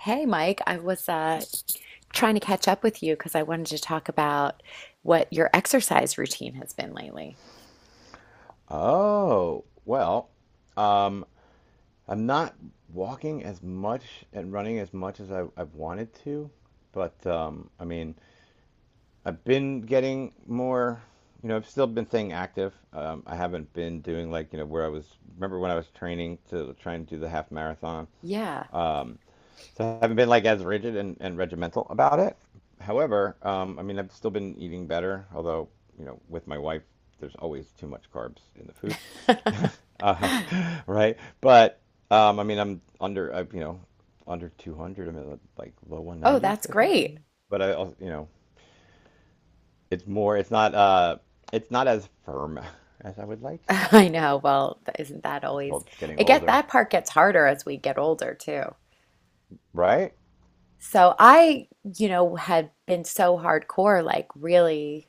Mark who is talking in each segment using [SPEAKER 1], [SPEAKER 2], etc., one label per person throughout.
[SPEAKER 1] Hey, Mike, I was trying to catch up with you because I wanted to talk about what your exercise routine has been lately.
[SPEAKER 2] Oh, well, um, I'm not walking as much and running as much as I've wanted to, but I've been getting more. I've still been staying active. I haven't been doing like, where I was, remember when I was training to try and do the half marathon?
[SPEAKER 1] Yeah.
[SPEAKER 2] Um. So I haven't been like as rigid and regimental about it. However, I've still been eating better, although, you know, with my wife, there's always too much carbs in the food. Uh, right? But I'm, you know, under 200. I'm at like low
[SPEAKER 1] Oh,
[SPEAKER 2] 190s,
[SPEAKER 1] that's
[SPEAKER 2] I think.
[SPEAKER 1] great.
[SPEAKER 2] But I also, you know, it's more, it's not, uh, it's not as firm as I would like.
[SPEAKER 1] I know. Well, isn't that
[SPEAKER 2] It's
[SPEAKER 1] always
[SPEAKER 2] called getting
[SPEAKER 1] it get
[SPEAKER 2] older,
[SPEAKER 1] that part gets harder as we get older too.
[SPEAKER 2] right?
[SPEAKER 1] So I had been so hardcore, like really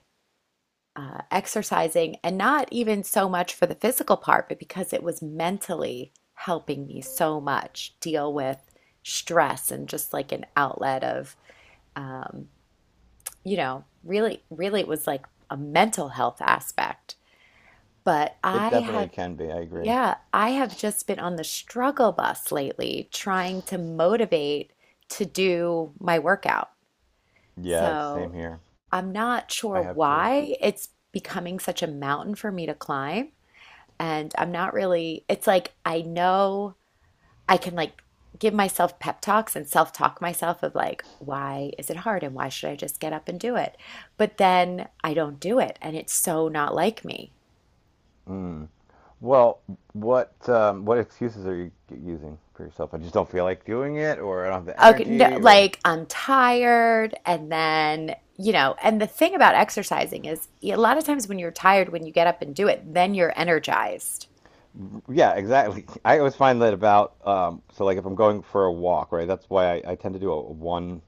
[SPEAKER 1] exercising and not even so much for the physical part, but because it was mentally helping me so much deal with stress and just like an outlet of um, really it was like a mental health aspect. But I
[SPEAKER 2] It definitely
[SPEAKER 1] have,
[SPEAKER 2] can be. I agree.
[SPEAKER 1] yeah, I have just been on the struggle bus lately trying to motivate to do my workout.
[SPEAKER 2] Yeah, same
[SPEAKER 1] So
[SPEAKER 2] here.
[SPEAKER 1] I'm not
[SPEAKER 2] I
[SPEAKER 1] sure
[SPEAKER 2] have too.
[SPEAKER 1] why it's becoming such a mountain for me to climb. And I'm not really, it's like I know. I can like give myself pep talks and self-talk myself of like, why is it hard and why should I just get up and do it? But then I don't do it and it's so not like me.
[SPEAKER 2] Mm. Well, what excuses are you using for yourself? I just don't feel like doing it, or I don't have the
[SPEAKER 1] Okay, no,
[SPEAKER 2] energy, or
[SPEAKER 1] like I'm tired and then, you know, and the thing about exercising is a lot of times when you're tired, when you get up and do it, then you're energized.
[SPEAKER 2] yeah, exactly. I always find that about so like if I'm going for a walk, right? That's why I tend to do a one,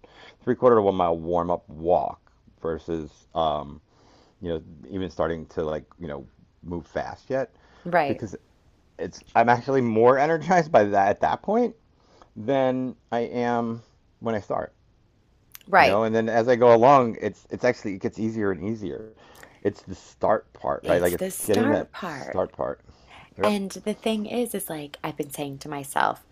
[SPEAKER 2] three quarter to 1 mile warm up walk versus you know even starting to like move fast yet
[SPEAKER 1] Right,
[SPEAKER 2] because it's I'm actually more energized by that at that point than I am when I start.
[SPEAKER 1] right.
[SPEAKER 2] And then as I go along, it's actually it gets easier and easier. It's the start part, right? Like
[SPEAKER 1] It's the
[SPEAKER 2] it's getting that
[SPEAKER 1] start part.
[SPEAKER 2] start part. Yep.
[SPEAKER 1] And the thing is like I've been saying to myself,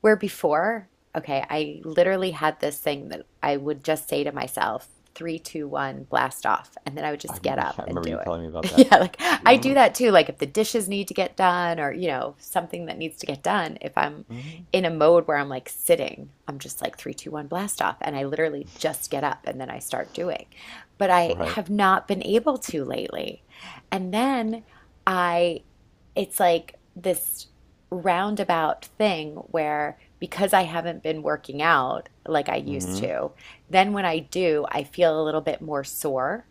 [SPEAKER 1] where before, okay, I literally had this thing that I would just say to myself, three, two, one, blast off. And then I would just get up
[SPEAKER 2] I
[SPEAKER 1] and
[SPEAKER 2] remember you
[SPEAKER 1] do it.
[SPEAKER 2] telling me about that.
[SPEAKER 1] Yeah, like I do
[SPEAKER 2] Mm-hmm.
[SPEAKER 1] that too. Like if the dishes need to get done or, you know, something that needs to get done, if I'm in a mode where I'm like sitting, I'm just like three, two, one, blast off. And I literally just get up and then I start doing. But I
[SPEAKER 2] Right.
[SPEAKER 1] have not been able to lately. And then I it's like this roundabout thing where because I haven't been working out like I used
[SPEAKER 2] Mm-hmm.
[SPEAKER 1] to, then when I do, I feel a little bit more sore.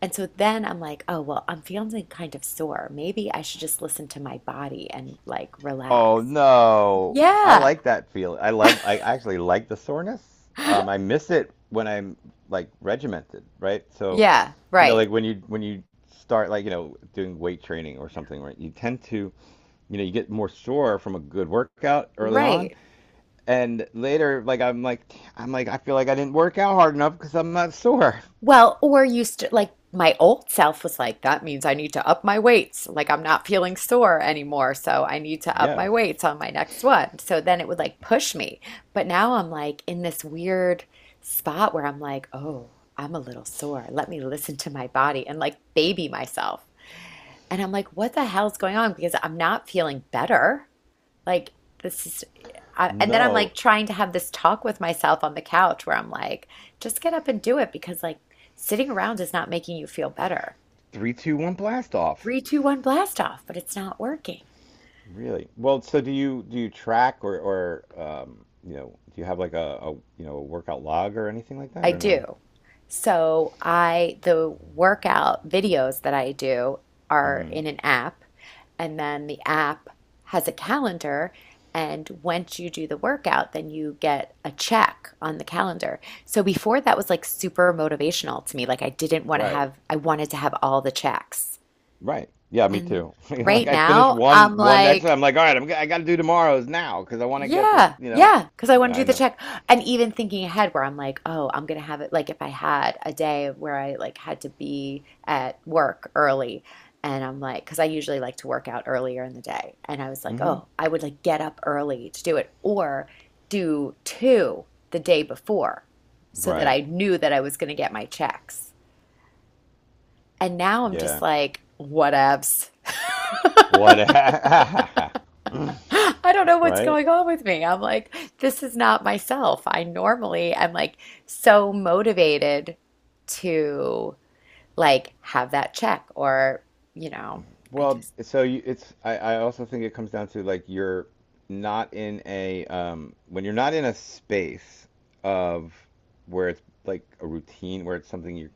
[SPEAKER 1] And so then I'm like, oh, well, I'm feeling kind of sore. Maybe I should just listen to my body and like
[SPEAKER 2] Oh
[SPEAKER 1] relax.
[SPEAKER 2] no, I
[SPEAKER 1] Yeah.
[SPEAKER 2] like that feel. I actually like the soreness. I miss it when I'm like regimented, right? So
[SPEAKER 1] Yeah.
[SPEAKER 2] you know,
[SPEAKER 1] Right.
[SPEAKER 2] like when you start, like you know, doing weight training or something, right? You tend to, you know, you get more sore from a good workout early on.
[SPEAKER 1] Right.
[SPEAKER 2] And later, like I'm like I feel like I didn't work out hard enough because I'm not sore.
[SPEAKER 1] Well, or you st like my old self was like, that means I need to up my weights. Like I'm not feeling sore anymore, so I need to up
[SPEAKER 2] Yeah.
[SPEAKER 1] my weights on my next one. So then it would like push me. But now I'm like in this weird spot where I'm like, oh, I'm a little sore. Let me listen to my body and like baby myself. And I'm like, what the hell's going on? Because I'm not feeling better. Like this is, and then I'm
[SPEAKER 2] No.
[SPEAKER 1] like trying to have this talk with myself on the couch where I'm like, just get up and do it because like sitting around is not making you feel better.
[SPEAKER 2] Three, two, one, blast off.
[SPEAKER 1] Three, two, one, blast off, but it's not working.
[SPEAKER 2] Really? Well, so do you track or you know, do you have like a you know a workout log or anything like that
[SPEAKER 1] I
[SPEAKER 2] or no?
[SPEAKER 1] do. So I the workout videos that I do
[SPEAKER 2] mm
[SPEAKER 1] are
[SPEAKER 2] hmm
[SPEAKER 1] in an app, and then the app has a calendar. And once you do the workout, then you get a check on the calendar. So before that was like super motivational to me. Like I didn't want to
[SPEAKER 2] Right.
[SPEAKER 1] have, I wanted to have all the checks.
[SPEAKER 2] Right. Yeah, me
[SPEAKER 1] And
[SPEAKER 2] too. Like
[SPEAKER 1] right
[SPEAKER 2] I finished
[SPEAKER 1] now I'm
[SPEAKER 2] one exercise.
[SPEAKER 1] like,
[SPEAKER 2] I'm like, all right, I got to do tomorrow's now because I want to get this. You know.
[SPEAKER 1] yeah, because I want
[SPEAKER 2] Yeah,
[SPEAKER 1] to
[SPEAKER 2] I
[SPEAKER 1] do the
[SPEAKER 2] know.
[SPEAKER 1] check. And even thinking ahead where I'm like, oh, I'm gonna have it like if I had a day where I like had to be at work early and I'm like, because I usually like to work out earlier in the day. And I was
[SPEAKER 2] Mm
[SPEAKER 1] like,
[SPEAKER 2] hmm
[SPEAKER 1] oh, I would like get up early to do it or do two the day before so that
[SPEAKER 2] Right.
[SPEAKER 1] I knew that I was gonna get my checks. And now I'm just
[SPEAKER 2] Yeah.
[SPEAKER 1] like, whatevs.
[SPEAKER 2] What?
[SPEAKER 1] I don't know what's
[SPEAKER 2] Right.
[SPEAKER 1] going on with me. I'm like, this is not myself. I normally am like so motivated to like have that check or, you know, I
[SPEAKER 2] Well,
[SPEAKER 1] just,
[SPEAKER 2] it's I also think it comes down to like you're not in a when you're not in a space of where it's like a routine where it's something you're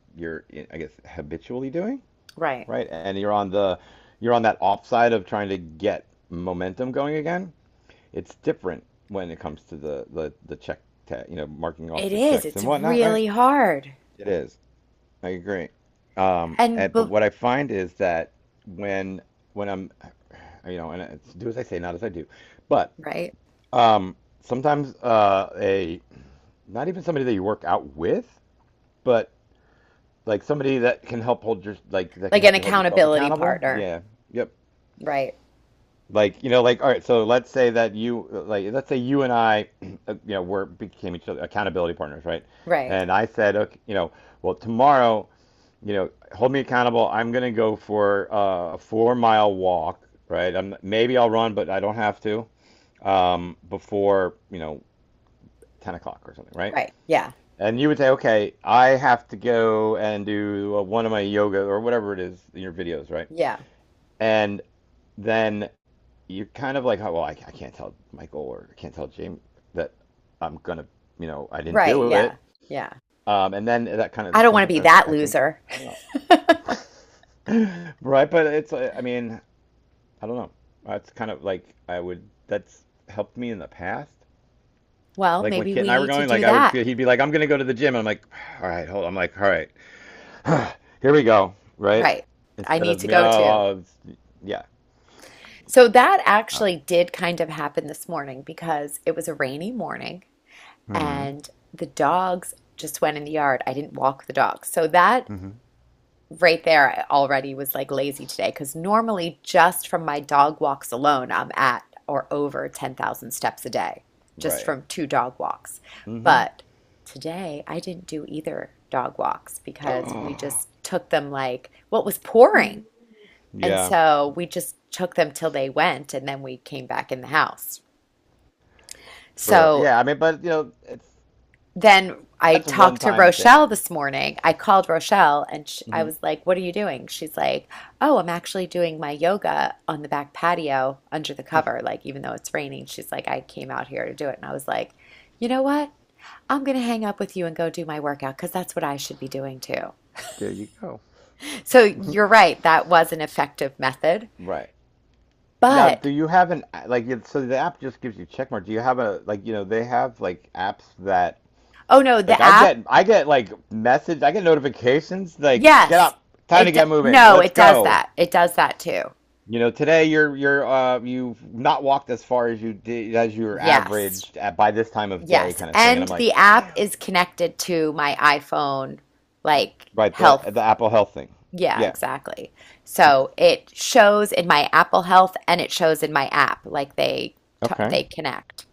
[SPEAKER 2] you're I guess habitually doing,
[SPEAKER 1] right.
[SPEAKER 2] right? And you're on the you're on that offside of trying to get momentum going again. It's different when it comes to the check tag, you know, marking off
[SPEAKER 1] It
[SPEAKER 2] the
[SPEAKER 1] is.
[SPEAKER 2] checks
[SPEAKER 1] It's
[SPEAKER 2] and whatnot, right?
[SPEAKER 1] really hard.
[SPEAKER 2] It is. I agree.
[SPEAKER 1] And,
[SPEAKER 2] But what I find is that when when I'm you know, and it's do as I say, not as I do. But
[SPEAKER 1] right.
[SPEAKER 2] um, sometimes a not even somebody that you work out with, but like somebody that can help hold your like that can
[SPEAKER 1] Like an
[SPEAKER 2] help you hold yourself
[SPEAKER 1] accountability
[SPEAKER 2] accountable.
[SPEAKER 1] partner.
[SPEAKER 2] Yeah. Yep.
[SPEAKER 1] Right.
[SPEAKER 2] Like, you know, like all right, so let's say that you like let's say you and I you know, we're became each other accountability partners, right?
[SPEAKER 1] Right.
[SPEAKER 2] And I said, okay, you know, well, tomorrow, you know, hold me accountable. I'm going to go for a 4-mile walk, right? I'm maybe I'll run, but I don't have to. Before you know 10 o'clock or something, right?
[SPEAKER 1] Right. Yeah.
[SPEAKER 2] And you would say, okay, I have to go and do one of my yoga or whatever it is in your videos, right?
[SPEAKER 1] Yeah.
[SPEAKER 2] And then you're kind of like, oh, well, I can't tell Michael or I can't tell James that I'm gonna, you know, I didn't
[SPEAKER 1] Right.
[SPEAKER 2] do
[SPEAKER 1] Yeah.
[SPEAKER 2] it.
[SPEAKER 1] Yeah.
[SPEAKER 2] And then that kind
[SPEAKER 1] I
[SPEAKER 2] of
[SPEAKER 1] don't want to be
[SPEAKER 2] sometimes
[SPEAKER 1] that
[SPEAKER 2] I think
[SPEAKER 1] loser.
[SPEAKER 2] I don't know, right? But it's, I mean, I don't know. That's kind of like I would. That's helped me in the past.
[SPEAKER 1] Well,
[SPEAKER 2] Like when
[SPEAKER 1] maybe
[SPEAKER 2] Kit and
[SPEAKER 1] we
[SPEAKER 2] I were
[SPEAKER 1] need to
[SPEAKER 2] going, like
[SPEAKER 1] do
[SPEAKER 2] I would
[SPEAKER 1] that.
[SPEAKER 2] feel he'd be like, "I'm gonna go to the gym." I'm like, "All right, hold." On. I'm like, "All right, here we go." Right?
[SPEAKER 1] Right. I
[SPEAKER 2] Instead
[SPEAKER 1] need
[SPEAKER 2] of
[SPEAKER 1] to
[SPEAKER 2] me,
[SPEAKER 1] go too.
[SPEAKER 2] yeah.
[SPEAKER 1] So that
[SPEAKER 2] Oh.
[SPEAKER 1] actually did kind of happen this morning because it was a rainy morning
[SPEAKER 2] Hmm.
[SPEAKER 1] and the dogs just went in the yard. I didn't walk the dogs. So that
[SPEAKER 2] Hmm.
[SPEAKER 1] right there I already was like lazy today because normally just from my dog walks alone, I'm at or over 10,000 steps a day just
[SPEAKER 2] Right.
[SPEAKER 1] from two dog walks.
[SPEAKER 2] Hmm.
[SPEAKER 1] But today I didn't do either dog walks because we
[SPEAKER 2] Oh.
[SPEAKER 1] just took them like what was pouring. And
[SPEAKER 2] Yeah.
[SPEAKER 1] so we just took them till they went, and then we came back in the house.
[SPEAKER 2] True.
[SPEAKER 1] So
[SPEAKER 2] Yeah. I mean, but you know, it's
[SPEAKER 1] then I
[SPEAKER 2] that's a
[SPEAKER 1] talked to
[SPEAKER 2] one-time
[SPEAKER 1] Rochelle
[SPEAKER 2] thing.
[SPEAKER 1] this morning. I called Rochelle and sh I
[SPEAKER 2] Hmm.
[SPEAKER 1] was like, "What are you doing?" She's like, "Oh, I'm actually doing my yoga on the back patio under the cover." Like, even though it's raining, she's like, "I came out here to do it." And I was like, "You know what? I'm going to hang up with you and go do my workout because that's what I should be doing too."
[SPEAKER 2] There you go.
[SPEAKER 1] So you're right. That was an effective method.
[SPEAKER 2] Right. Now, do
[SPEAKER 1] But
[SPEAKER 2] you have an like? So the app just gives you check mark. Do you have a like? You know, they have like apps that
[SPEAKER 1] oh no,
[SPEAKER 2] like
[SPEAKER 1] the
[SPEAKER 2] I
[SPEAKER 1] app.
[SPEAKER 2] get I get like message I get notifications like get
[SPEAKER 1] Yes.
[SPEAKER 2] up, time to get moving,
[SPEAKER 1] No,
[SPEAKER 2] let's
[SPEAKER 1] it does
[SPEAKER 2] go,
[SPEAKER 1] that. It does that too.
[SPEAKER 2] you know, today you're uh, you've not walked as far as you did as you were
[SPEAKER 1] Yes.
[SPEAKER 2] averaged at by this time of day
[SPEAKER 1] Yes.
[SPEAKER 2] kind of thing, and
[SPEAKER 1] And
[SPEAKER 2] I'm like
[SPEAKER 1] the app
[SPEAKER 2] damn
[SPEAKER 1] is connected to my iPhone like
[SPEAKER 2] right the
[SPEAKER 1] health.
[SPEAKER 2] the Apple Health thing,
[SPEAKER 1] Yeah,
[SPEAKER 2] yeah,
[SPEAKER 1] exactly. So it shows in my Apple Health and it shows in my app like
[SPEAKER 2] okay,
[SPEAKER 1] they connect.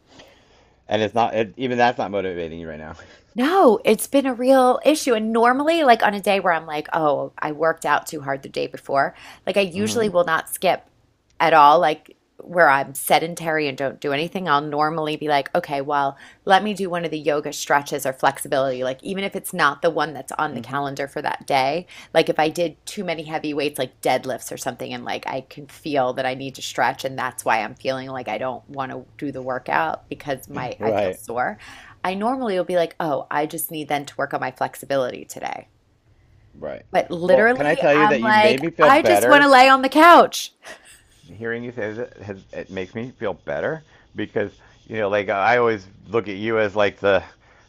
[SPEAKER 2] and it's not it, even that's not motivating you right now.
[SPEAKER 1] No, it's been a real issue. And normally, like on a day where I'm like, oh, I worked out too hard the day before, like I usually
[SPEAKER 2] Mm-hmm.
[SPEAKER 1] will not skip at all. Like where I'm sedentary and don't do anything, I'll normally be like, okay, well, let me do one of the yoga stretches or flexibility. Like even if it's not the one that's on the
[SPEAKER 2] Mm-hmm.
[SPEAKER 1] calendar for that day, like if I did too many heavy weights, like deadlifts or something, and like I can feel that I need to stretch, and that's why I'm feeling like I don't want to do the workout because my I feel
[SPEAKER 2] Right.
[SPEAKER 1] sore. I normally will be like, oh, I just need then to work on my flexibility today.
[SPEAKER 2] Right.
[SPEAKER 1] But
[SPEAKER 2] Well, can I
[SPEAKER 1] literally,
[SPEAKER 2] tell you
[SPEAKER 1] I'm
[SPEAKER 2] that you
[SPEAKER 1] like,
[SPEAKER 2] made me feel
[SPEAKER 1] I just want to
[SPEAKER 2] better?
[SPEAKER 1] lay on the couch.
[SPEAKER 2] Hearing you say that has, It makes me feel better because you know, I always look at you as like the,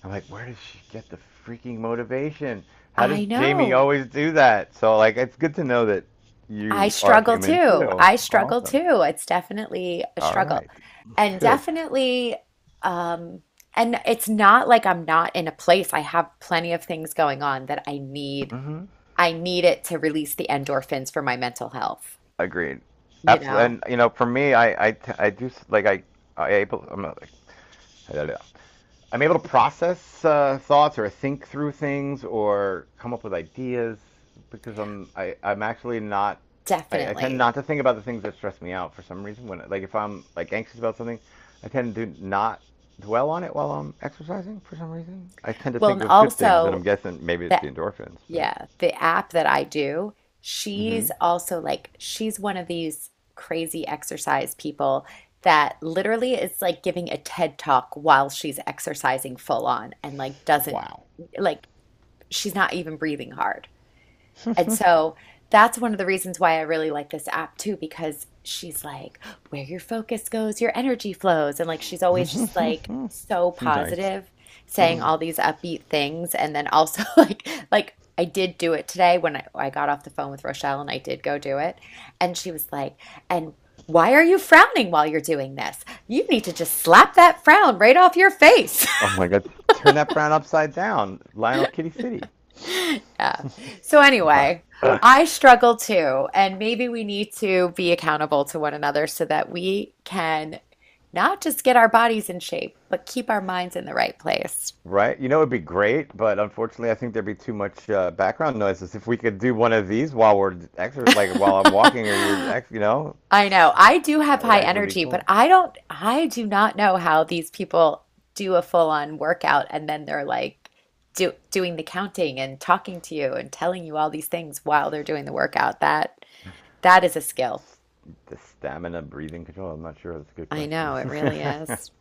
[SPEAKER 2] I'm like where does she get the freaking motivation? How does
[SPEAKER 1] I
[SPEAKER 2] Jamie
[SPEAKER 1] know.
[SPEAKER 2] always do that? So like it's good to know that
[SPEAKER 1] I
[SPEAKER 2] you are
[SPEAKER 1] struggle
[SPEAKER 2] human
[SPEAKER 1] too.
[SPEAKER 2] too.
[SPEAKER 1] I struggle
[SPEAKER 2] Awesome.
[SPEAKER 1] too. It's definitely a
[SPEAKER 2] All
[SPEAKER 1] struggle.
[SPEAKER 2] right.
[SPEAKER 1] And
[SPEAKER 2] Good.
[SPEAKER 1] definitely, um, and it's not like I'm not in a place. I have plenty of things going on that I need.
[SPEAKER 2] Hmm.
[SPEAKER 1] I need it to release the endorphins for my mental health,
[SPEAKER 2] Agreed.
[SPEAKER 1] you
[SPEAKER 2] Absolutely.
[SPEAKER 1] know?
[SPEAKER 2] And you know for me I do like I'm not, I'm able to process thoughts or think through things or come up with ideas because I'm actually not. I tend
[SPEAKER 1] Definitely.
[SPEAKER 2] not to think about the things that stress me out for some reason when like if I'm like anxious about something. I tend to not dwell on it while I'm exercising, for some reason I tend to
[SPEAKER 1] Well,
[SPEAKER 2] think
[SPEAKER 1] and
[SPEAKER 2] of good things, and I'm
[SPEAKER 1] also
[SPEAKER 2] guessing maybe it's
[SPEAKER 1] the
[SPEAKER 2] the endorphins but
[SPEAKER 1] Yeah, the app that I do,
[SPEAKER 2] Mm-hmm.
[SPEAKER 1] she's also like, she's one of these crazy exercise people that literally is like giving a TED talk while she's exercising full on and like doesn't,
[SPEAKER 2] Wow.
[SPEAKER 1] like, she's not even breathing hard. And so that's one of the reasons why I really like this app too, because she's like, where your focus goes, your energy flows. And like, she's always just like so
[SPEAKER 2] Nice.
[SPEAKER 1] positive, saying all these upbeat things. And then also like I did do it today when I got off the phone with Rochelle and I did go do it. And she was like, and why are you frowning while you're doing this? You need to just slap that frown right off your face.
[SPEAKER 2] Oh my god, turn that brown upside down, Lionel Kitty City.
[SPEAKER 1] Yeah. So
[SPEAKER 2] Wow.
[SPEAKER 1] anyway, I struggle too, and maybe we need to be accountable to one another so that we can not just get our bodies in shape, but keep our minds in the right place.
[SPEAKER 2] Right? You know, it'd be great, but unfortunately, I think there'd be too much background noises. If we could do one of these while we're exer like while I'm walking or you know,
[SPEAKER 1] I know. I do have
[SPEAKER 2] that would
[SPEAKER 1] high
[SPEAKER 2] actually be
[SPEAKER 1] energy, but
[SPEAKER 2] cool.
[SPEAKER 1] I don't, I do not know how these people do a full-on workout and then they're like doing the counting and talking to you and telling you all these things while they're doing the workout. That is a skill.
[SPEAKER 2] The stamina breathing control, I'm not sure. That's a good
[SPEAKER 1] I
[SPEAKER 2] question.
[SPEAKER 1] know, it really is.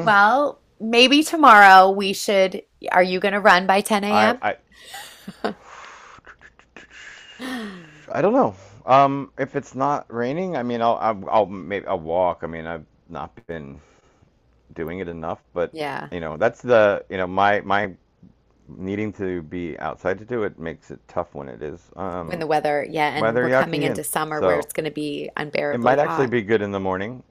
[SPEAKER 1] Well, maybe tomorrow we should. Are you going to run by 10
[SPEAKER 2] I
[SPEAKER 1] a.m.?
[SPEAKER 2] I I don't know. If it's not raining, I mean, I'll maybe I'll walk. I mean, I've not been doing it enough, but
[SPEAKER 1] Yeah,
[SPEAKER 2] you know, that's the you know my needing to be outside to do it makes it tough when it is.
[SPEAKER 1] when the weather, yeah, and
[SPEAKER 2] Weather
[SPEAKER 1] we're coming
[SPEAKER 2] yucky, and
[SPEAKER 1] into summer where
[SPEAKER 2] so
[SPEAKER 1] it's going to be
[SPEAKER 2] it might
[SPEAKER 1] unbearably
[SPEAKER 2] actually
[SPEAKER 1] hot.
[SPEAKER 2] be good in the morning.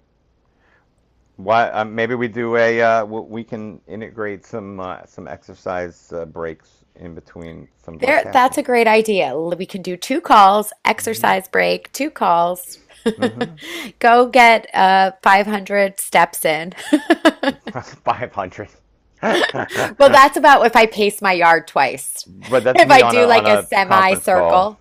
[SPEAKER 2] Why? Maybe we do a. We can integrate some exercise breaks in between some of our
[SPEAKER 1] There, that's
[SPEAKER 2] tasking.
[SPEAKER 1] a great idea. We can do two calls, exercise break, two calls.
[SPEAKER 2] Mm-hmm.
[SPEAKER 1] Go get 500 steps in.
[SPEAKER 2] 500.
[SPEAKER 1] Well, that's about if I pace my yard twice.
[SPEAKER 2] But that's
[SPEAKER 1] If
[SPEAKER 2] me
[SPEAKER 1] I do like
[SPEAKER 2] on
[SPEAKER 1] a
[SPEAKER 2] a conference call,
[SPEAKER 1] semicircle.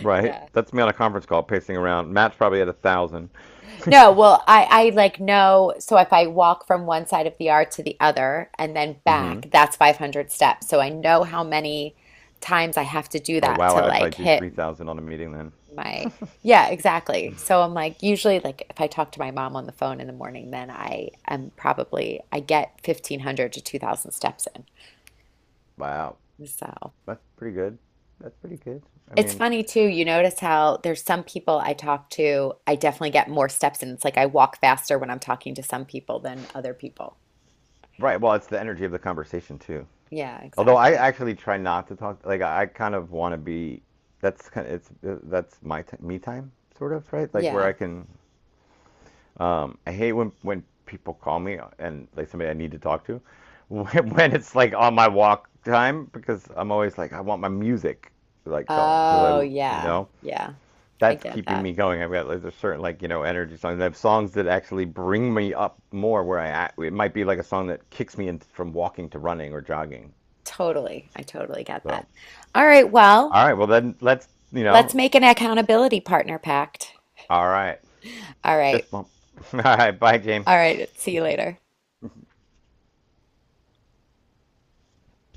[SPEAKER 2] right?
[SPEAKER 1] Yeah.
[SPEAKER 2] That's me on a conference call pacing around. Matt's probably at 1,000.
[SPEAKER 1] No, well, I like know. So if I walk from one side of the yard to the other and then
[SPEAKER 2] Mm-hmm.
[SPEAKER 1] back, that's 500 steps. So I know how many times I have to do
[SPEAKER 2] Oh
[SPEAKER 1] that
[SPEAKER 2] wow,
[SPEAKER 1] to
[SPEAKER 2] I'd probably
[SPEAKER 1] like
[SPEAKER 2] do three
[SPEAKER 1] hit
[SPEAKER 2] thousand on a meeting then.
[SPEAKER 1] my, yeah, exactly. So I'm like, usually, like if I talk to my mom on the phone in the morning, then I am probably, I get 1,500 to 2,000 steps
[SPEAKER 2] Wow,
[SPEAKER 1] in. So
[SPEAKER 2] that's pretty good. That's pretty good. I
[SPEAKER 1] it's
[SPEAKER 2] mean,
[SPEAKER 1] funny too. You notice how there's some people I talk to, I definitely get more steps in. It's like I walk faster when I'm talking to some people than other people.
[SPEAKER 2] right. Well, it's the energy of the conversation too.
[SPEAKER 1] Yeah,
[SPEAKER 2] Although I
[SPEAKER 1] exactly.
[SPEAKER 2] actually try not to talk. Like I kind of want to be. That's kind of, it's that's my t me time sort of right. Like where I
[SPEAKER 1] Yeah.
[SPEAKER 2] can. I hate when people call me and like somebody I need to talk to, when it's like on my walk time because I'm always like I want my music like going because I
[SPEAKER 1] Oh,
[SPEAKER 2] you
[SPEAKER 1] yeah.
[SPEAKER 2] know
[SPEAKER 1] Yeah. I
[SPEAKER 2] that's
[SPEAKER 1] get
[SPEAKER 2] keeping
[SPEAKER 1] that.
[SPEAKER 2] me going. I've got like, there's certain like you know energy songs. I have songs that actually bring me up more. Where I at. It might be like a song that kicks me in from walking to running or jogging.
[SPEAKER 1] Totally. I totally get that.
[SPEAKER 2] So
[SPEAKER 1] All right. Well,
[SPEAKER 2] all right, well then let's you
[SPEAKER 1] let's
[SPEAKER 2] know
[SPEAKER 1] make an accountability partner pact.
[SPEAKER 2] all right
[SPEAKER 1] All right.
[SPEAKER 2] fist bump. All right, bye James.
[SPEAKER 1] All right. See you later.